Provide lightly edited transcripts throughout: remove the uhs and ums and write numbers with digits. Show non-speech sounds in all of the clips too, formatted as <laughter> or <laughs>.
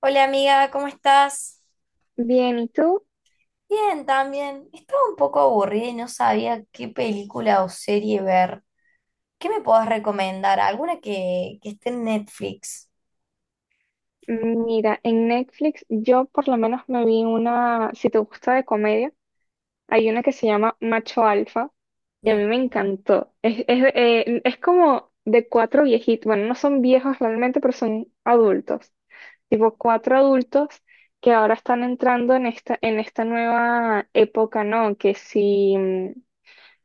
Hola amiga, ¿cómo estás? Bien, ¿y tú? Bien, también. Estaba un poco aburrida y no sabía qué película o serie ver. ¿Qué me podés recomendar? ¿Alguna que esté en Netflix? Mira, en Netflix yo por lo menos me vi una, si te gusta de comedia, hay una que se llama Macho Alfa y a Ma- mí me encantó. Es como de cuatro viejitos, bueno, no son viejos realmente, pero son adultos, tipo cuatro adultos que ahora están entrando en esta nueva época, ¿no? Que si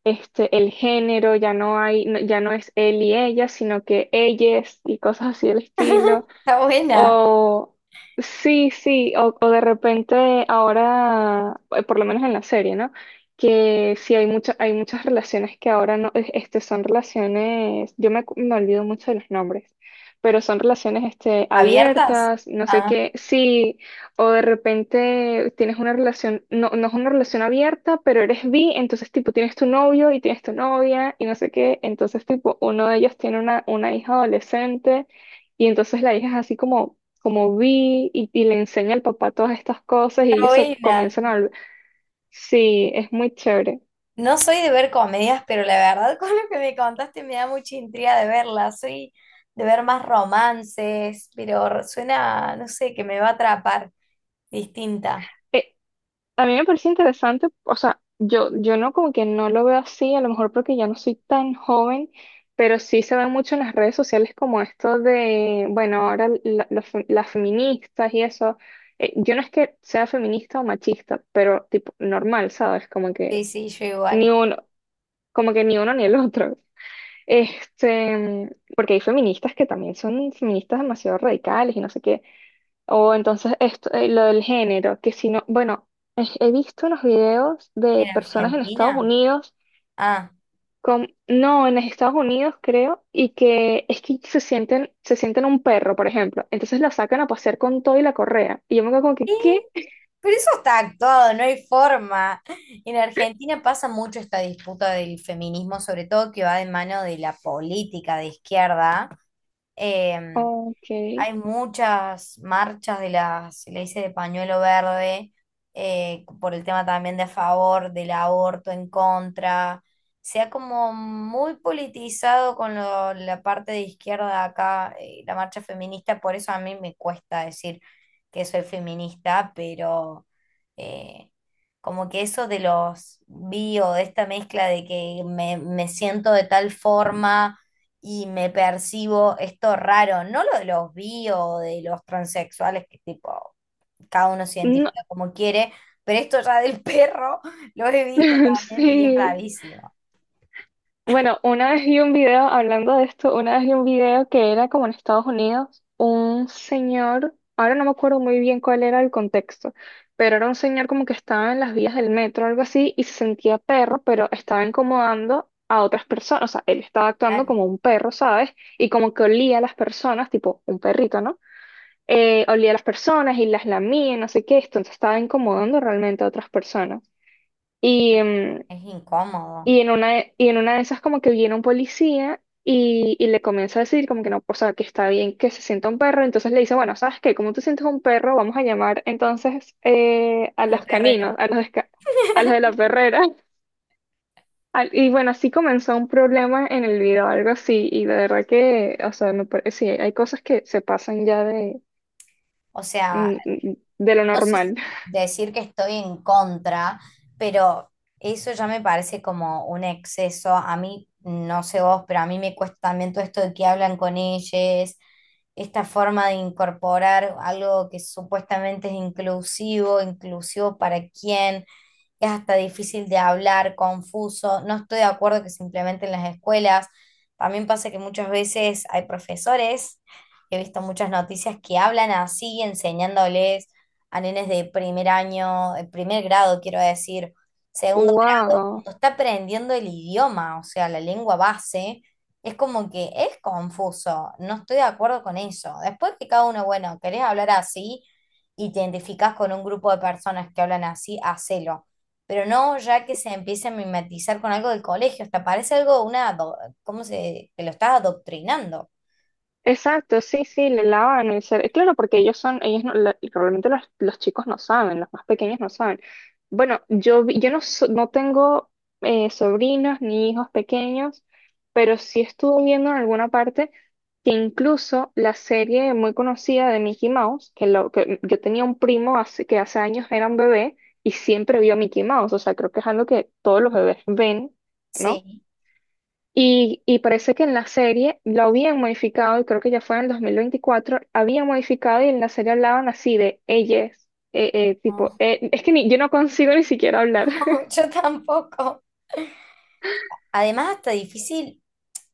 este, el género ya no hay, ya no es él y ella, sino que ellas y cosas así del <laughs> estilo. Está buena. O sí, sí, o de repente ahora, por lo menos en la serie, ¿no? Que sí hay muchas relaciones que ahora no, este, son relaciones, me olvido mucho de los nombres, pero son relaciones este, ¿Abiertas? abiertas, no sé Ah, qué, sí, o de repente tienes una relación, no, no es una relación abierta, pero eres bi, entonces tipo tienes tu novio y tienes tu novia y no sé qué, entonces tipo uno de ellos tiene una hija adolescente. Y entonces la hija es así como, como vi y le enseña al papá todas estas cosas y está ellos se buena. comienzan a... Sí, es muy chévere. No soy de ver comedias, pero la verdad <laughs> con lo que me contaste me da mucha intriga de verla. Soy de ver más romances, pero suena, no sé, que me va a atrapar. Distinta. Eh, a mí me parece interesante, o sea, yo no como que no lo veo así, a lo mejor porque ya no soy tan joven, pero sí se ve mucho en las redes sociales como esto de, bueno, ahora las feministas y eso. Yo no es que sea feminista o machista, pero tipo normal, ¿sabes? Como que Sí, sí, yo igual. ni uno, como que ni uno ni el otro. Este, porque hay feministas que también son feministas demasiado radicales y no sé qué. O entonces esto, lo del género, que si no, bueno, he visto unos videos de ¿En personas en Estados Argentina? Unidos Ah. con, no, en Estados Unidos creo, y que es que se sienten un perro, por ejemplo. Entonces lo sacan a pasear con todo y la correa. Y yo me quedo como que, ¿qué? Pero eso está actuado, no hay forma. En Argentina pasa mucho esta disputa del feminismo, sobre todo que va de mano de la política de izquierda. eh, Ok. Hay muchas marchas de las, se le dice de pañuelo verde, por el tema también de a favor del aborto, en contra. Se ha como muy politizado con la parte de izquierda acá, la marcha feminista, por eso a mí me cuesta decir que soy feminista, pero eh, como que eso de los bio, de esta mezcla de me siento de tal forma y me percibo esto raro, no lo de los bi o de los transexuales, que tipo, cada uno se No, identifica como quiere, pero esto ya del perro <laughs> lo he visto <laughs> también y es sí. rarísimo. Bueno, una vez vi un video, hablando de esto, una vez vi un video que era como en Estados Unidos, un señor, ahora no me acuerdo muy bien cuál era el contexto, pero era un señor como que estaba en las vías del metro o algo así y se sentía perro, pero estaba incomodando a otras personas, o sea, él estaba actuando Claro, como un perro, ¿sabes? Y como que olía a las personas, tipo un perrito, ¿no? Olía a las personas y las lamía, y no sé qué, esto, entonces estaba incomodando realmente a otras personas. es, que Y, es incómodo. y en una, y en una de esas como que viene un policía y le comienza a decir como que no, o sea, que está bien que se sienta un perro. Entonces le dice, bueno, ¿sabes qué? Como tú sientes un perro, vamos a llamar entonces a A la los perrera. caninos, a los, a los de la perrera. <laughs> Y bueno, así comenzó un problema en el video, algo así. Y de verdad que, o sea, sí, hay cosas que se pasan ya de, O sea, de lo no sé normal. si <laughs> decir que estoy en contra, pero eso ya me parece como un exceso. A mí, no sé vos, pero a mí me cuesta también todo esto de que hablan con ellos, esta forma de incorporar algo que supuestamente es inclusivo, inclusivo para quién es hasta difícil de hablar, confuso. No estoy de acuerdo que se implementen en las escuelas. También pasa que muchas veces hay profesores, he visto muchas noticias que hablan así, enseñándoles a nenes de primer año, primer grado, quiero decir, segundo grado, ¡Wow! cuando está aprendiendo el idioma, o sea, la lengua base. Es como que es confuso, no estoy de acuerdo con eso. Después que cada uno, bueno, querés hablar así y te identificás con un grupo de personas que hablan así, hacelo. Pero no ya que se empiece a mimetizar con algo del colegio, hasta parece algo, una, ado- ¿cómo se, que lo estás adoctrinando? Exacto, sí, sí, le lavan el cerebro. Claro, porque ellos son, ellos no, realmente los chicos no saben, los más pequeños no saben. Bueno, yo, yo no, no tengo sobrinos ni hijos pequeños, pero sí estuve viendo en alguna parte que incluso la serie muy conocida de Mickey Mouse, que, lo, que yo tenía un primo hace, que hace años era un bebé y siempre vio a Mickey Mouse, o sea, creo que es algo que todos los bebés ven, ¿no? Sí. Y parece que en la serie lo habían modificado, y creo que ya fue en el 2024, habían modificado y en la serie hablaban así de ellas, tipo, No, es que ni, yo no consigo ni siquiera hablar. <laughs> <laughs> yo tampoco. Además, hasta difícil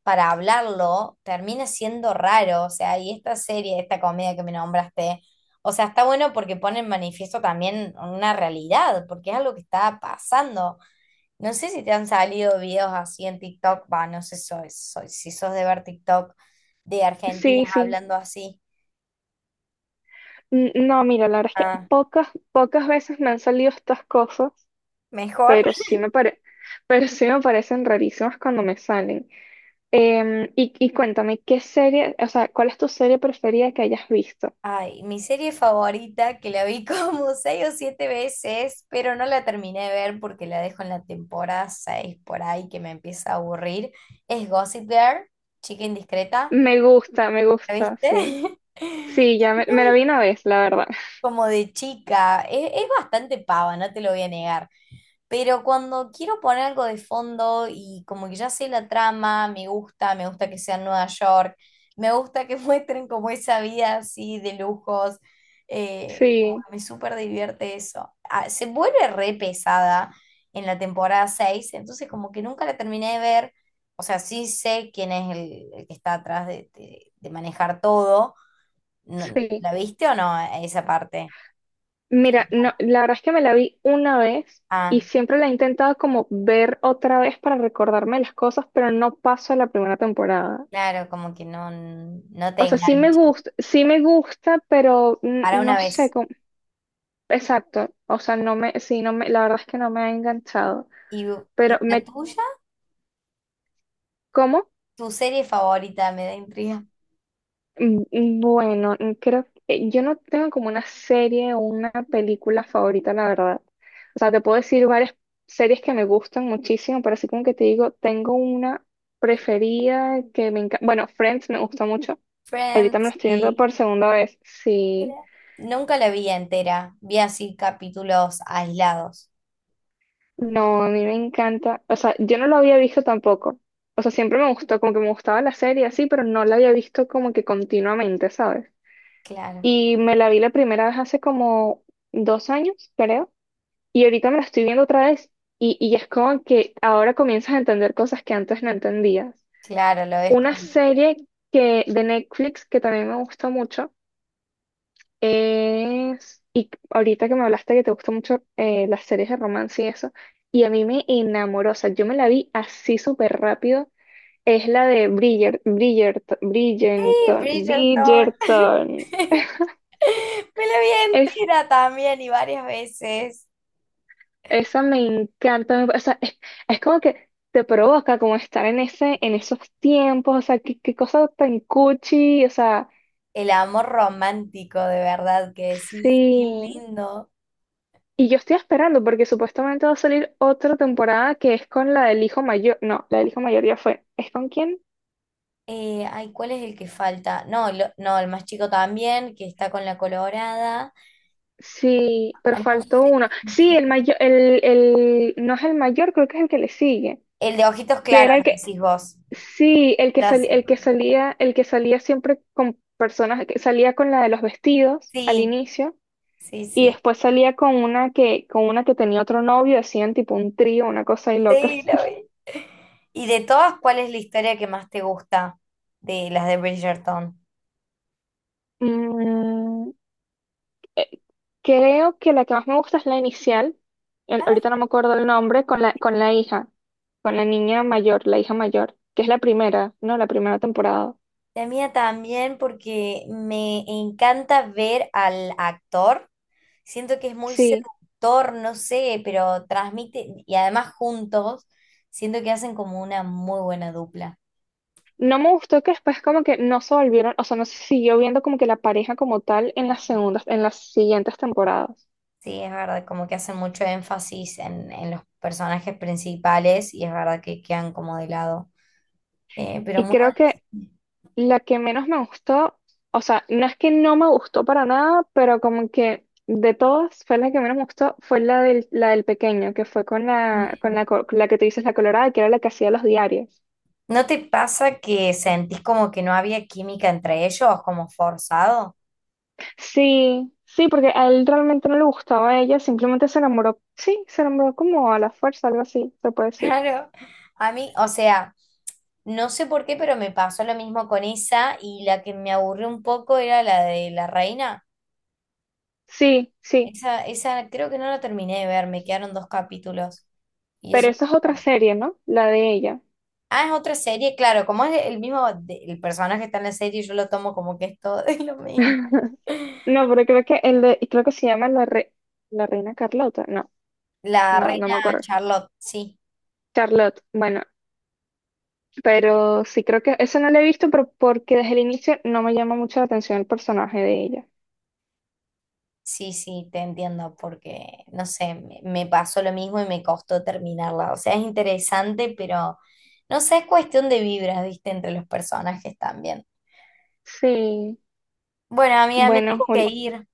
para hablarlo, termina siendo raro, o sea, y esta serie, esta comedia que me nombraste, o sea, está bueno porque pone en manifiesto también una realidad, porque es algo que está pasando. No sé si te han salido videos así en TikTok, va, no sé si sos de ver TikTok de argentinas Sí, sí. hablando así. No, mira, la verdad es que Ah, pocas, pocas veces me han salido estas cosas, mejor. pero <laughs> pero sí me parecen rarísimas cuando me salen. Y, y cuéntame, ¿qué serie, o sea, cuál es tu serie preferida que hayas visto? Ay, mi serie favorita, que la vi como <laughs> seis o siete veces, pero no la terminé de ver porque la dejo en la temporada 6 por ahí que me empieza a aburrir, es Gossip Girl, Chica Indiscreta. Me ¿La gusta, viste? sí. <laughs> Sí, ya me la Muy vi una vez, la verdad. como de chica. Es bastante pava, no te lo voy a negar. Pero cuando quiero poner algo de fondo y como que ya sé la trama, me gusta que sea en Nueva York, me gusta que <laughs> muestren como esa vida así de lujos, como Sí, que me súper divierte eso. Ah, se vuelve re pesada en la temporada 6 entonces como que nunca la terminé de ver, o sea, sí sé quién es el que está atrás de manejar todo. No- sí. ¿la viste o no esa parte? Mira, no, la verdad es que me la vi una vez y Ah, siempre la he intentado como ver otra vez para recordarme las cosas, pero no paso a la primera temporada. claro, como que no, no te O sea, engancha. Sí me gusta, pero Para una no sé vez. cómo. Exacto. O sea, no me, sí, no me, la verdad es que no me ha enganchado. ¿Y, Pero y la me, tuya? ¿cómo? ¿Tu serie favorita? Me da intriga. Bueno, creo que yo no tengo como una serie o una película favorita, la verdad. O sea, te puedo decir varias series que me gustan muchísimo, pero así como que te digo, tengo una preferida que me encanta. Bueno, Friends me gusta mucho. Ahorita me lo Friends estoy viendo y... por segunda vez. Sí, Nunca la vi entera. Vi así capítulos aislados. no, a mí me encanta. O sea, yo no lo había visto tampoco. O sea, siempre me gustó, como que me gustaba la serie así, pero no la había visto como que continuamente, ¿sabes? Claro, Y me la vi la primera vez hace como dos años, creo. Y ahorita me la estoy viendo otra vez y es como que ahora comienzas a entender cosas que antes no entendías. claro, lo ves Una como... serie que, de Netflix que también me gusta mucho es, y ahorita que me hablaste que te gustan mucho las series de romance y eso, y a mí me enamoró, o sea, yo me la vi así súper rápido, es la de ¡Sí, Bridgerton! Bridgerton. <laughs> Me la vi Es entera también y varias veces. Esa me encanta, o sea, es como que te provoca como estar en ese, en esos tiempos, o sea, qué, qué cosa tan cuchi, o sea, El amor romántico, de verdad, que decís, qué sí. lindo. Y yo estoy esperando porque supuestamente va a salir otra temporada que es con la del hijo mayor, no, la del hijo mayor ya fue, ¿es con quién? Ay, ¿cuál es el que falta? No, no, el más chico también, que está con la colorada. Sí, pero Ah, no faltó sé, uno. con Sí, quién. el mayor, no es el mayor, creo que es el que le sigue, El de ojitos que claros, era el que, decís vos. Sí, Ya sé. El que salía siempre con personas, que salía con la de los vestidos al Sí, inicio sí, y sí. después salía con una que tenía otro novio, hacían tipo un trío, una cosa ahí loca. Sí, lo <laughs> vi. ¿Y de todas, cuál es la historia que más te gusta de las de Bridgerton? Mm, eh, Creo que la que más me gusta es la inicial, Ay, ahorita no me acuerdo el nombre, con la hija, con la niña mayor, la hija mayor, que es la primera, ¿no? La primera temporada. la mía también, porque me encanta ver al actor. Siento que es muy Sí. seductor, no sé, pero transmite, y además juntos, siento que hacen como una muy buena dupla. No me gustó que después como que no se volvieron, o sea, no se siguió viendo como que la pareja como tal en las segundas, en las siguientes temporadas. Sí, es verdad, como que hacen mucho énfasis en los personajes principales y es verdad que quedan como de lado. Pero Y muy creo que buenas- la que menos me gustó, o sea, no es que no me gustó para nada, pero como que de todas fue la que menos me gustó, fue la del pequeño, que fue con la, Mm. La que tú dices, la colorada, que era la que hacía los diarios. ¿No te pasa que sentís como que no había química entre ellos, como forzado? <laughs> Sí, sí, porque a él realmente no le gustaba a ella, simplemente se enamoró, sí, se enamoró como a la fuerza, algo así, se puede decir. Claro, a mí, o sea, no sé por qué, pero me pasó lo mismo con esa y la que me aburrió un poco era la de la reina. Sí, sí. Esa creo que no la terminé de ver, me quedaron dos capítulos. Y Pero eso. esa es otra serie, ¿no? La de ella. Ah, es otra serie, claro, como es el mismo, el personaje que está en la serie, yo lo tomo como que es todo <laughs> lo mismo. <laughs> No, pero creo que el de, y creo que se llama la, la Reina Carlota. No, La no, no reina me acuerdo. Charlotte, sí, Charlotte, bueno, pero sí creo que eso no lo he visto, pero porque desde el inicio no me llama mucho la atención el personaje de ella. sí, sí, te entiendo, porque, no sé, me pasó lo mismo y me costó terminarla. O sea, es interesante, pero no sé, es cuestión de vibras, viste, entre los personajes también. Sí, Bueno, amiga, me bueno, tengo que Jul, ir.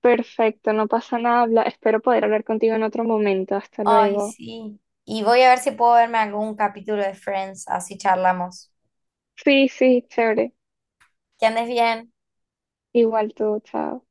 perfecto, no pasa nada. Espero poder hablar contigo en otro momento. Hasta Ay, luego. sí. Y voy a ver si puedo verme algún capítulo de Friends, así charlamos. Sí, sí, chévere. Que andes bien. Igual tú, chao.